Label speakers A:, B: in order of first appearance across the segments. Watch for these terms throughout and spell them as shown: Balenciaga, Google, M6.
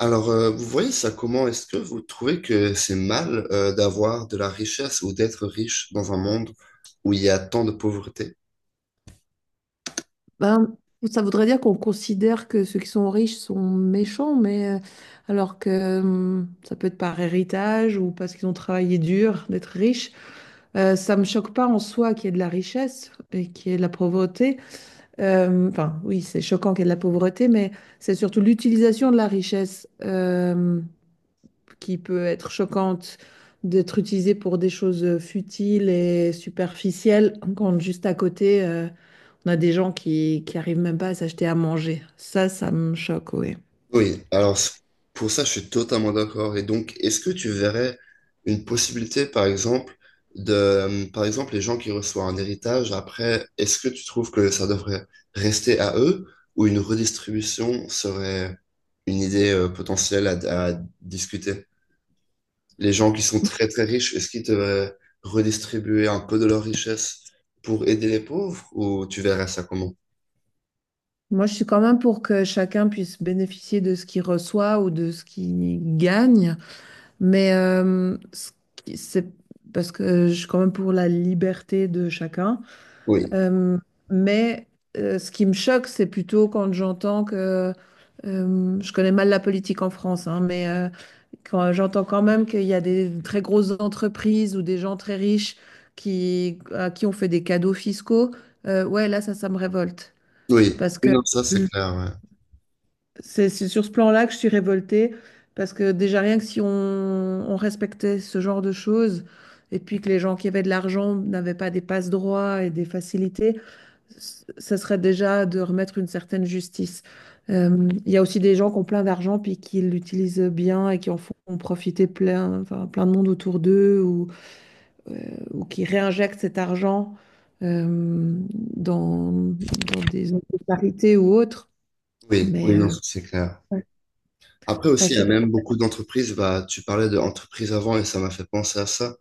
A: Alors, vous voyez ça comment? Est-ce que vous trouvez que c'est mal d'avoir de la richesse ou d'être riche dans un monde où il y a tant de pauvreté?
B: Ben, ça voudrait dire qu'on considère que ceux qui sont riches sont méchants, mais alors que ça peut être par héritage ou parce qu'ils ont travaillé dur d'être riches. Ça me choque pas en soi qu'il y ait de la richesse et qu'il y ait de la pauvreté. Enfin, oui, c'est choquant qu'il y ait de la pauvreté, mais c'est surtout l'utilisation de la richesse qui peut être choquante, d'être utilisée pour des choses futiles et superficielles, quand juste à côté. On a des gens qui arrivent même pas à s'acheter à manger. Ça me choque, oui.
A: Oui, alors pour ça, je suis totalement d'accord. Et donc, est-ce que tu verrais une possibilité, par exemple, de, par exemple, les gens qui reçoivent un héritage, après, est-ce que tu trouves que ça devrait rester à eux ou une redistribution serait une idée potentielle à discuter? Les gens qui sont très très riches, est-ce qu'ils devaient redistribuer un peu de leur richesse pour aider les pauvres ou tu verrais ça comment?
B: Moi, je suis quand même pour que chacun puisse bénéficier de ce qu'il reçoit ou de ce qu'il gagne. Mais c'est parce que je suis quand même pour la liberté de chacun.
A: Oui,
B: Euh, mais ce qui me choque, c'est plutôt quand j'entends je connais mal la politique en France, hein, mais quand j'entends quand même qu'il y a des très grosses entreprises ou des gens très riches à qui on fait des cadeaux fiscaux, ouais, là, ça me révolte.
A: oui,
B: Parce
A: oui,
B: que
A: non, ça c'est clair. Ouais.
B: c'est sur ce plan-là que je suis révoltée, parce que déjà rien que si on respectait ce genre de choses, et puis que les gens qui avaient de l'argent n'avaient pas des passe-droits et des facilités, ça serait déjà de remettre une certaine justice. Il y a aussi des gens qui ont plein d'argent, puis qui l'utilisent bien et qui en font profiter plein, enfin, plein de monde autour d'eux, euh, ou qui réinjectent cet argent euh, dans des solidarités ou autres.
A: Oui, oui,
B: Mais
A: non, ça, c'est clair. Après
B: enfin,
A: aussi,
B: je
A: il y a
B: sais pas.
A: même beaucoup d'entreprises, bah, tu parlais d'entreprises avant et ça m'a fait penser à ça,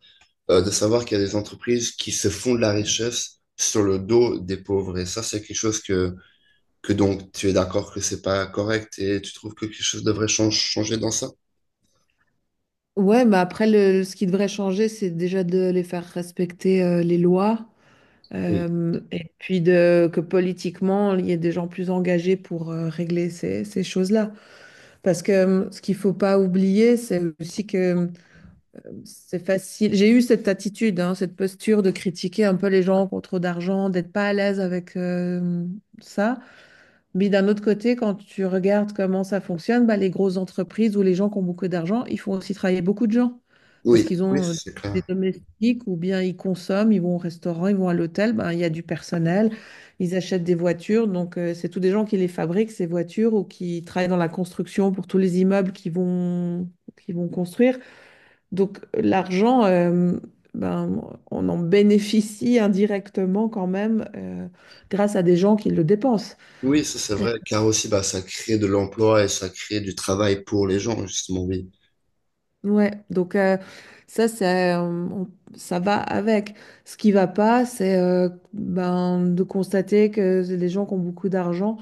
A: de savoir qu'il y a des entreprises qui se font de la richesse sur le dos des pauvres. Et ça, c'est quelque chose que donc tu es d'accord que c'est pas correct et tu trouves que quelque chose devrait changer dans ça?
B: Ouais, mais après, ce qui devrait changer, c'est déjà de les faire respecter les lois,
A: Oui,
B: et puis que politiquement, il y ait des gens plus engagés pour régler ces choses-là. Parce que ce qu'il faut pas oublier, c'est aussi que c'est facile. J'ai eu cette attitude, hein, cette posture de critiquer un peu les gens qui ont trop d'argent, d'être pas à l'aise avec ça. Mais d'un autre côté, quand tu regardes comment ça fonctionne, bah, les grosses entreprises ou les gens qui ont beaucoup d'argent, ils font aussi travailler beaucoup de gens parce
A: oui,
B: qu'ils
A: oui,
B: ont
A: ça, c'est
B: des
A: clair.
B: domestiques ou bien ils consomment, ils vont au restaurant, ils vont à l'hôtel, bah, il y a du personnel, ils achètent des voitures. Donc, c'est tous des gens qui les fabriquent, ces voitures, ou qui travaillent dans la construction pour tous les immeubles qu'ils vont construire. Donc, l'argent, ben, on en bénéficie indirectement quand même grâce à des gens qui le dépensent.
A: Oui, ça c'est vrai, car aussi bah, ça crée de l'emploi et ça crée du travail pour les gens, justement, oui.
B: Ouais, donc ça, ça va avec. Ce qui va pas, c'est de constater que les gens qui ont beaucoup d'argent,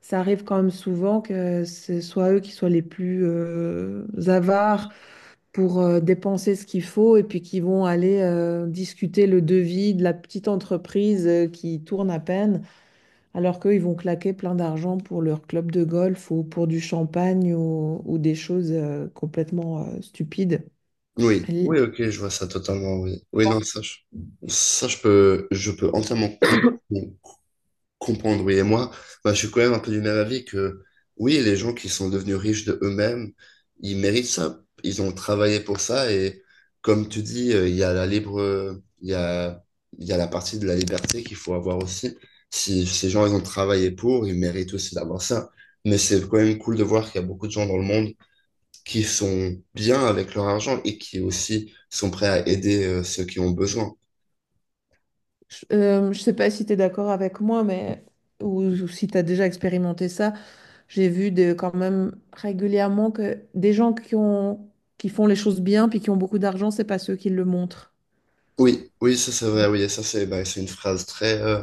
B: ça arrive quand même souvent que ce soit eux qui soient les plus avares pour dépenser ce qu'il faut et puis qui vont aller discuter le devis de la petite entreprise qui tourne à peine, alors qu'eux, ils vont claquer plein d'argent pour leur club de golf ou pour du champagne ou des choses complètement stupides.
A: Oui, oui, ok, je vois ça totalement, oui. Oui, non, ça, je peux entièrement comprendre. Comprendre, oui. Et moi, bah, je suis quand même un peu du même avis que, oui, les gens qui sont devenus riches de eux-mêmes, ils méritent ça. Ils ont travaillé pour ça. Et comme tu dis, il y a la il y a la partie de la liberté qu'il faut avoir aussi. Si ces gens, ils ont travaillé pour, ils méritent aussi d'avoir ça. Mais c'est quand même cool de voir qu'il y a beaucoup de gens dans le monde qui sont bien avec leur argent et qui aussi sont prêts à aider ceux qui ont besoin.
B: Je sais pas si tu es d'accord avec moi, mais ou si tu as déjà expérimenté ça, j'ai vu de, quand même régulièrement que des gens qui ont, qui font les choses bien puis qui ont beaucoup d'argent, c'est pas ceux qui le montrent.
A: Oui, oui, ça c'est vrai, oui, et ça c'est bah, c'est une phrase très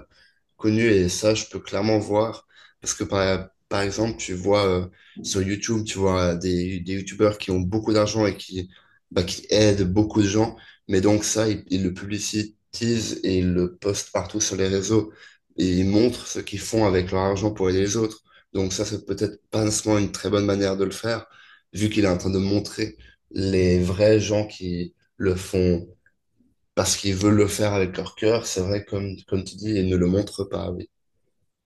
A: connu et ça, je peux clairement voir. Parce que par exemple, tu vois sur YouTube, tu vois des YouTubeurs qui ont beaucoup d'argent bah, qui aident beaucoup de gens. Mais donc ça, ils le publicitisent et ils le postent partout sur les réseaux. Et ils montrent ce qu'ils font avec leur argent pour aider les autres. Donc ça, c'est peut-être pas nécessairement une très bonne manière de le faire, vu qu'il est en train de montrer les vrais gens qui le font parce qu'ils veulent le faire avec leur cœur. C'est vrai, comme tu dis, ils ne le montrent pas. Oui.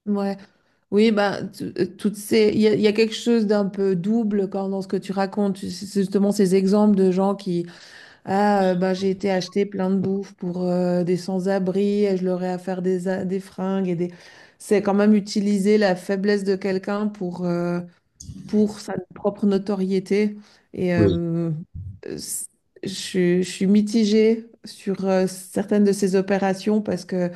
B: Ouais, oui, bah, toutes ces, il y a quelque chose d'un peu double quand dans ce que tu racontes, c'est justement ces exemples de gens qui, ah, ben, j'ai été acheter plein de bouffe pour des sans-abri et je leur ai à faire des fringues et des... C'est quand même utiliser la faiblesse de quelqu'un pour sa propre notoriété. Et
A: Oui,
B: euh, c- je suis mitigée sur certaines de ces opérations parce que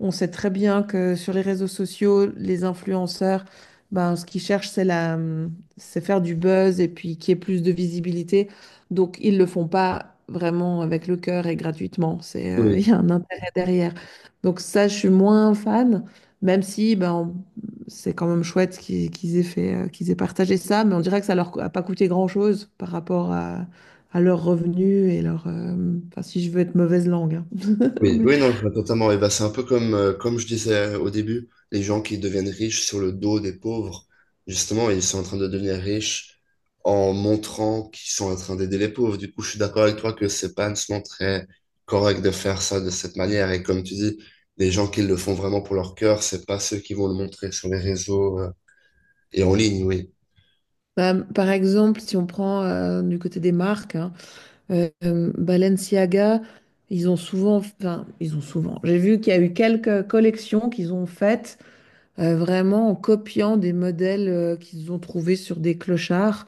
B: on sait très bien que sur les réseaux sociaux, les influenceurs, ben, ce qu'ils cherchent, c'est faire du buzz et puis qu'il y ait plus de visibilité. Donc, ils le font pas vraiment avec le cœur et gratuitement. C'est, il
A: oui,
B: y a un intérêt derrière. Donc, ça, je suis moins fan, même si ben, c'est quand même chouette qu'ils aient fait, qu'ils aient partagé ça. Mais on dirait que ça leur a pas coûté grand-chose par rapport à leurs revenus et leur. Enfin, si je veux être mauvaise langue, hein.
A: oui, oui, non, je vois totalement. Et bah, c'est un peu comme, comme je disais au début, les gens qui deviennent riches sur le dos des pauvres, justement, ils sont en train de devenir riches en montrant qu'ils sont en train d'aider les pauvres. Du coup, je suis d'accord avec toi que c'est pas nécessairement très correct de faire ça de cette manière. Et comme tu dis, les gens qui le font vraiment pour leur cœur, c'est pas ceux qui vont le montrer sur les réseaux, et en ligne, oui.
B: Bah, par exemple, si on prend du côté des marques, hein, Balenciaga, ils ont souvent, enfin, ils ont souvent. J'ai vu qu'il y a eu quelques collections qu'ils ont faites vraiment en copiant des modèles qu'ils ont trouvés sur des clochards,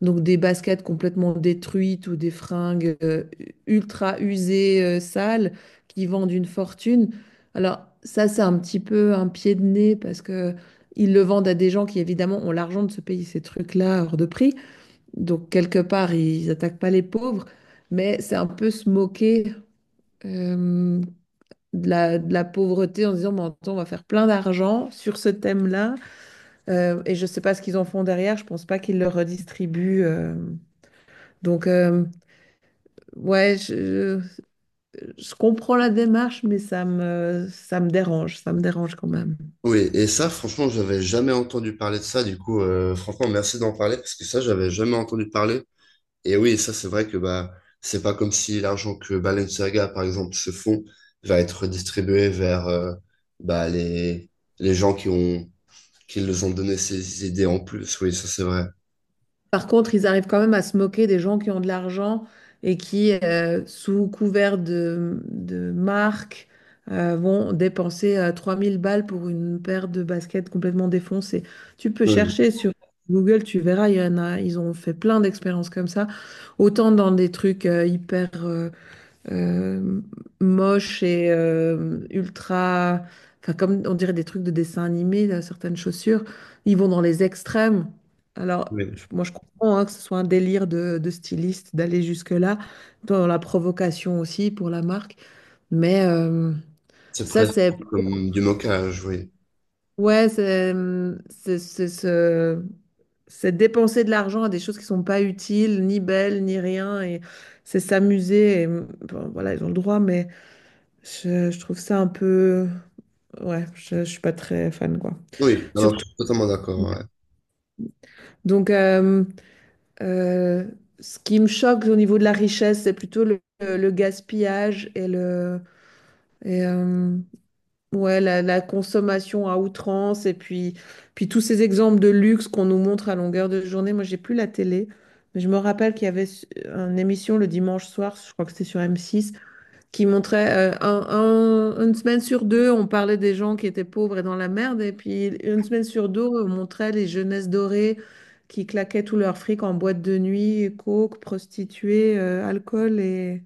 B: donc des baskets complètement détruites ou des fringues ultra usées, sales, qui vendent une fortune. Alors ça, c'est un petit peu un pied de nez parce que ils le vendent à des gens qui évidemment ont l'argent de se payer ces trucs-là hors de prix. Donc, quelque part, ils attaquent pas les pauvres, mais c'est un peu se moquer euh, de de la pauvreté en disant, mais attends, on va faire plein d'argent sur ce thème-là. Et je ne sais pas ce qu'ils en font derrière, je ne pense pas qu'ils le redistribuent. Donc, ouais, je comprends la démarche, mais ça me dérange quand même.
A: Oui, et ça, franchement, j'avais jamais entendu parler de ça. Du coup, franchement, merci d'en parler parce que ça, j'avais jamais entendu parler. Et oui, ça, c'est vrai que bah, c'est pas comme si l'argent que Balenciaga, par exemple, se font, va être distribué vers bah, les gens qui ont, qui les ont donné ces idées en plus. Oui, ça, c'est vrai.
B: Par contre, ils arrivent quand même à se moquer des gens qui ont de l'argent et qui sous couvert de marque, vont dépenser 3000 balles pour une paire de baskets complètement défoncées. Tu peux
A: Oui,
B: chercher sur Google, tu verras, il y en a, ils ont fait plein d'expériences comme ça, autant dans des trucs euh, hyper, euh, moches et ultra, enfin comme on dirait des trucs de dessin animé, là, certaines chaussures, ils vont dans les extrêmes. Alors,
A: oui.
B: moi je comprends hein, que ce soit un délire de styliste d'aller jusque-là, dans la provocation aussi pour la marque, mais
A: C'est
B: ça
A: presque
B: c'est,
A: comme du moquage, oui.
B: ouais, c'est- c'est- c'est- c'est dépenser de l'argent à des choses qui sont pas utiles, ni belles, ni rien, et c'est s'amuser, et, bon, voilà, ils ont le droit, mais... je trouve ça un peu... Ouais, je suis pas très fan, quoi.
A: Oui, alors, je
B: Surtout.
A: suis totalement d'accord. Ouais.
B: Donc, euh, ce qui me choque au niveau de la richesse, c'est plutôt le gaspillage et le... Et ouais, la consommation à outrance. Et puis, puis tous ces exemples de luxe qu'on nous montre à longueur de journée. Moi, j'ai plus la télé. Mais je me rappelle qu'il y avait une émission le dimanche soir, je crois que c'était sur M6, qui montrait une semaine sur deux, on parlait des gens qui étaient pauvres et dans la merde, et puis une semaine sur deux, on montrait les jeunesses dorées qui claquaient tout leur fric en boîte de nuit, coke, prostituées, alcool. Et,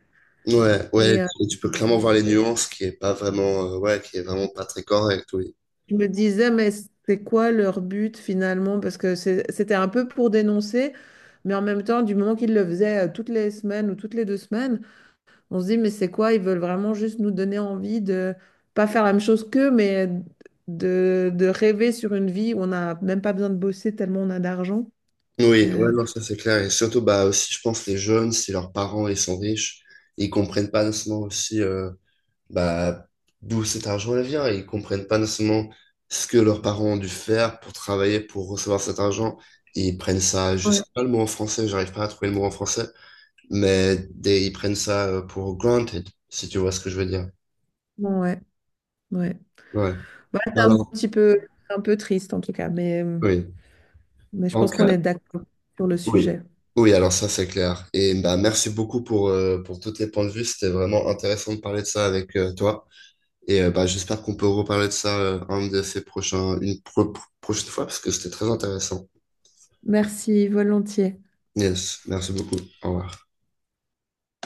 A: Ouais,
B: et euh,
A: tu peux clairement voir les nuances qui est pas vraiment, ouais, qui est vraiment pas très correct, oui.
B: je me disais, mais c'est quoi leur but finalement? Parce que c'était un peu pour dénoncer, mais en même temps, du moment qu'ils le faisaient toutes les semaines ou toutes les deux semaines, on se dit, mais c'est quoi? Ils veulent vraiment juste nous donner envie de pas faire la même chose qu'eux, mais de rêver sur une vie où on n'a même pas besoin de bosser tellement on a d'argent.
A: Oui,
B: Euh,
A: ouais, non, ça c'est clair. Et surtout, bah, aussi, je pense, les jeunes, si leurs parents, ils sont riches, ils comprennent pas nécessairement aussi, bah, d'où cet argent vient. Ils comprennent pas nécessairement ce que leurs parents ont dû faire pour travailler, pour recevoir cet argent. Ils prennent ça, je sais
B: ouais,
A: pas le mot en français, j'arrive pas à trouver le mot en français, mais ils prennent ça pour granted, si tu vois ce que je veux dire.
B: ouais, ouais.
A: Ouais.
B: Ouais, c'est
A: Bah
B: un
A: alors,
B: petit peu, un peu triste en tout cas,
A: oui.
B: mais je pense
A: Donc,
B: qu'on est d'accord sur le
A: oui.
B: sujet.
A: Oui, alors ça, c'est clair. Et bah, merci beaucoup pour tous tes points de vue. C'était vraiment intéressant de parler de ça avec toi. Et bah, j'espère qu'on peut reparler de ça un de ces prochains, une prochaine fois, parce que c'était très intéressant.
B: Merci, volontiers.
A: Yes, merci beaucoup. Au revoir.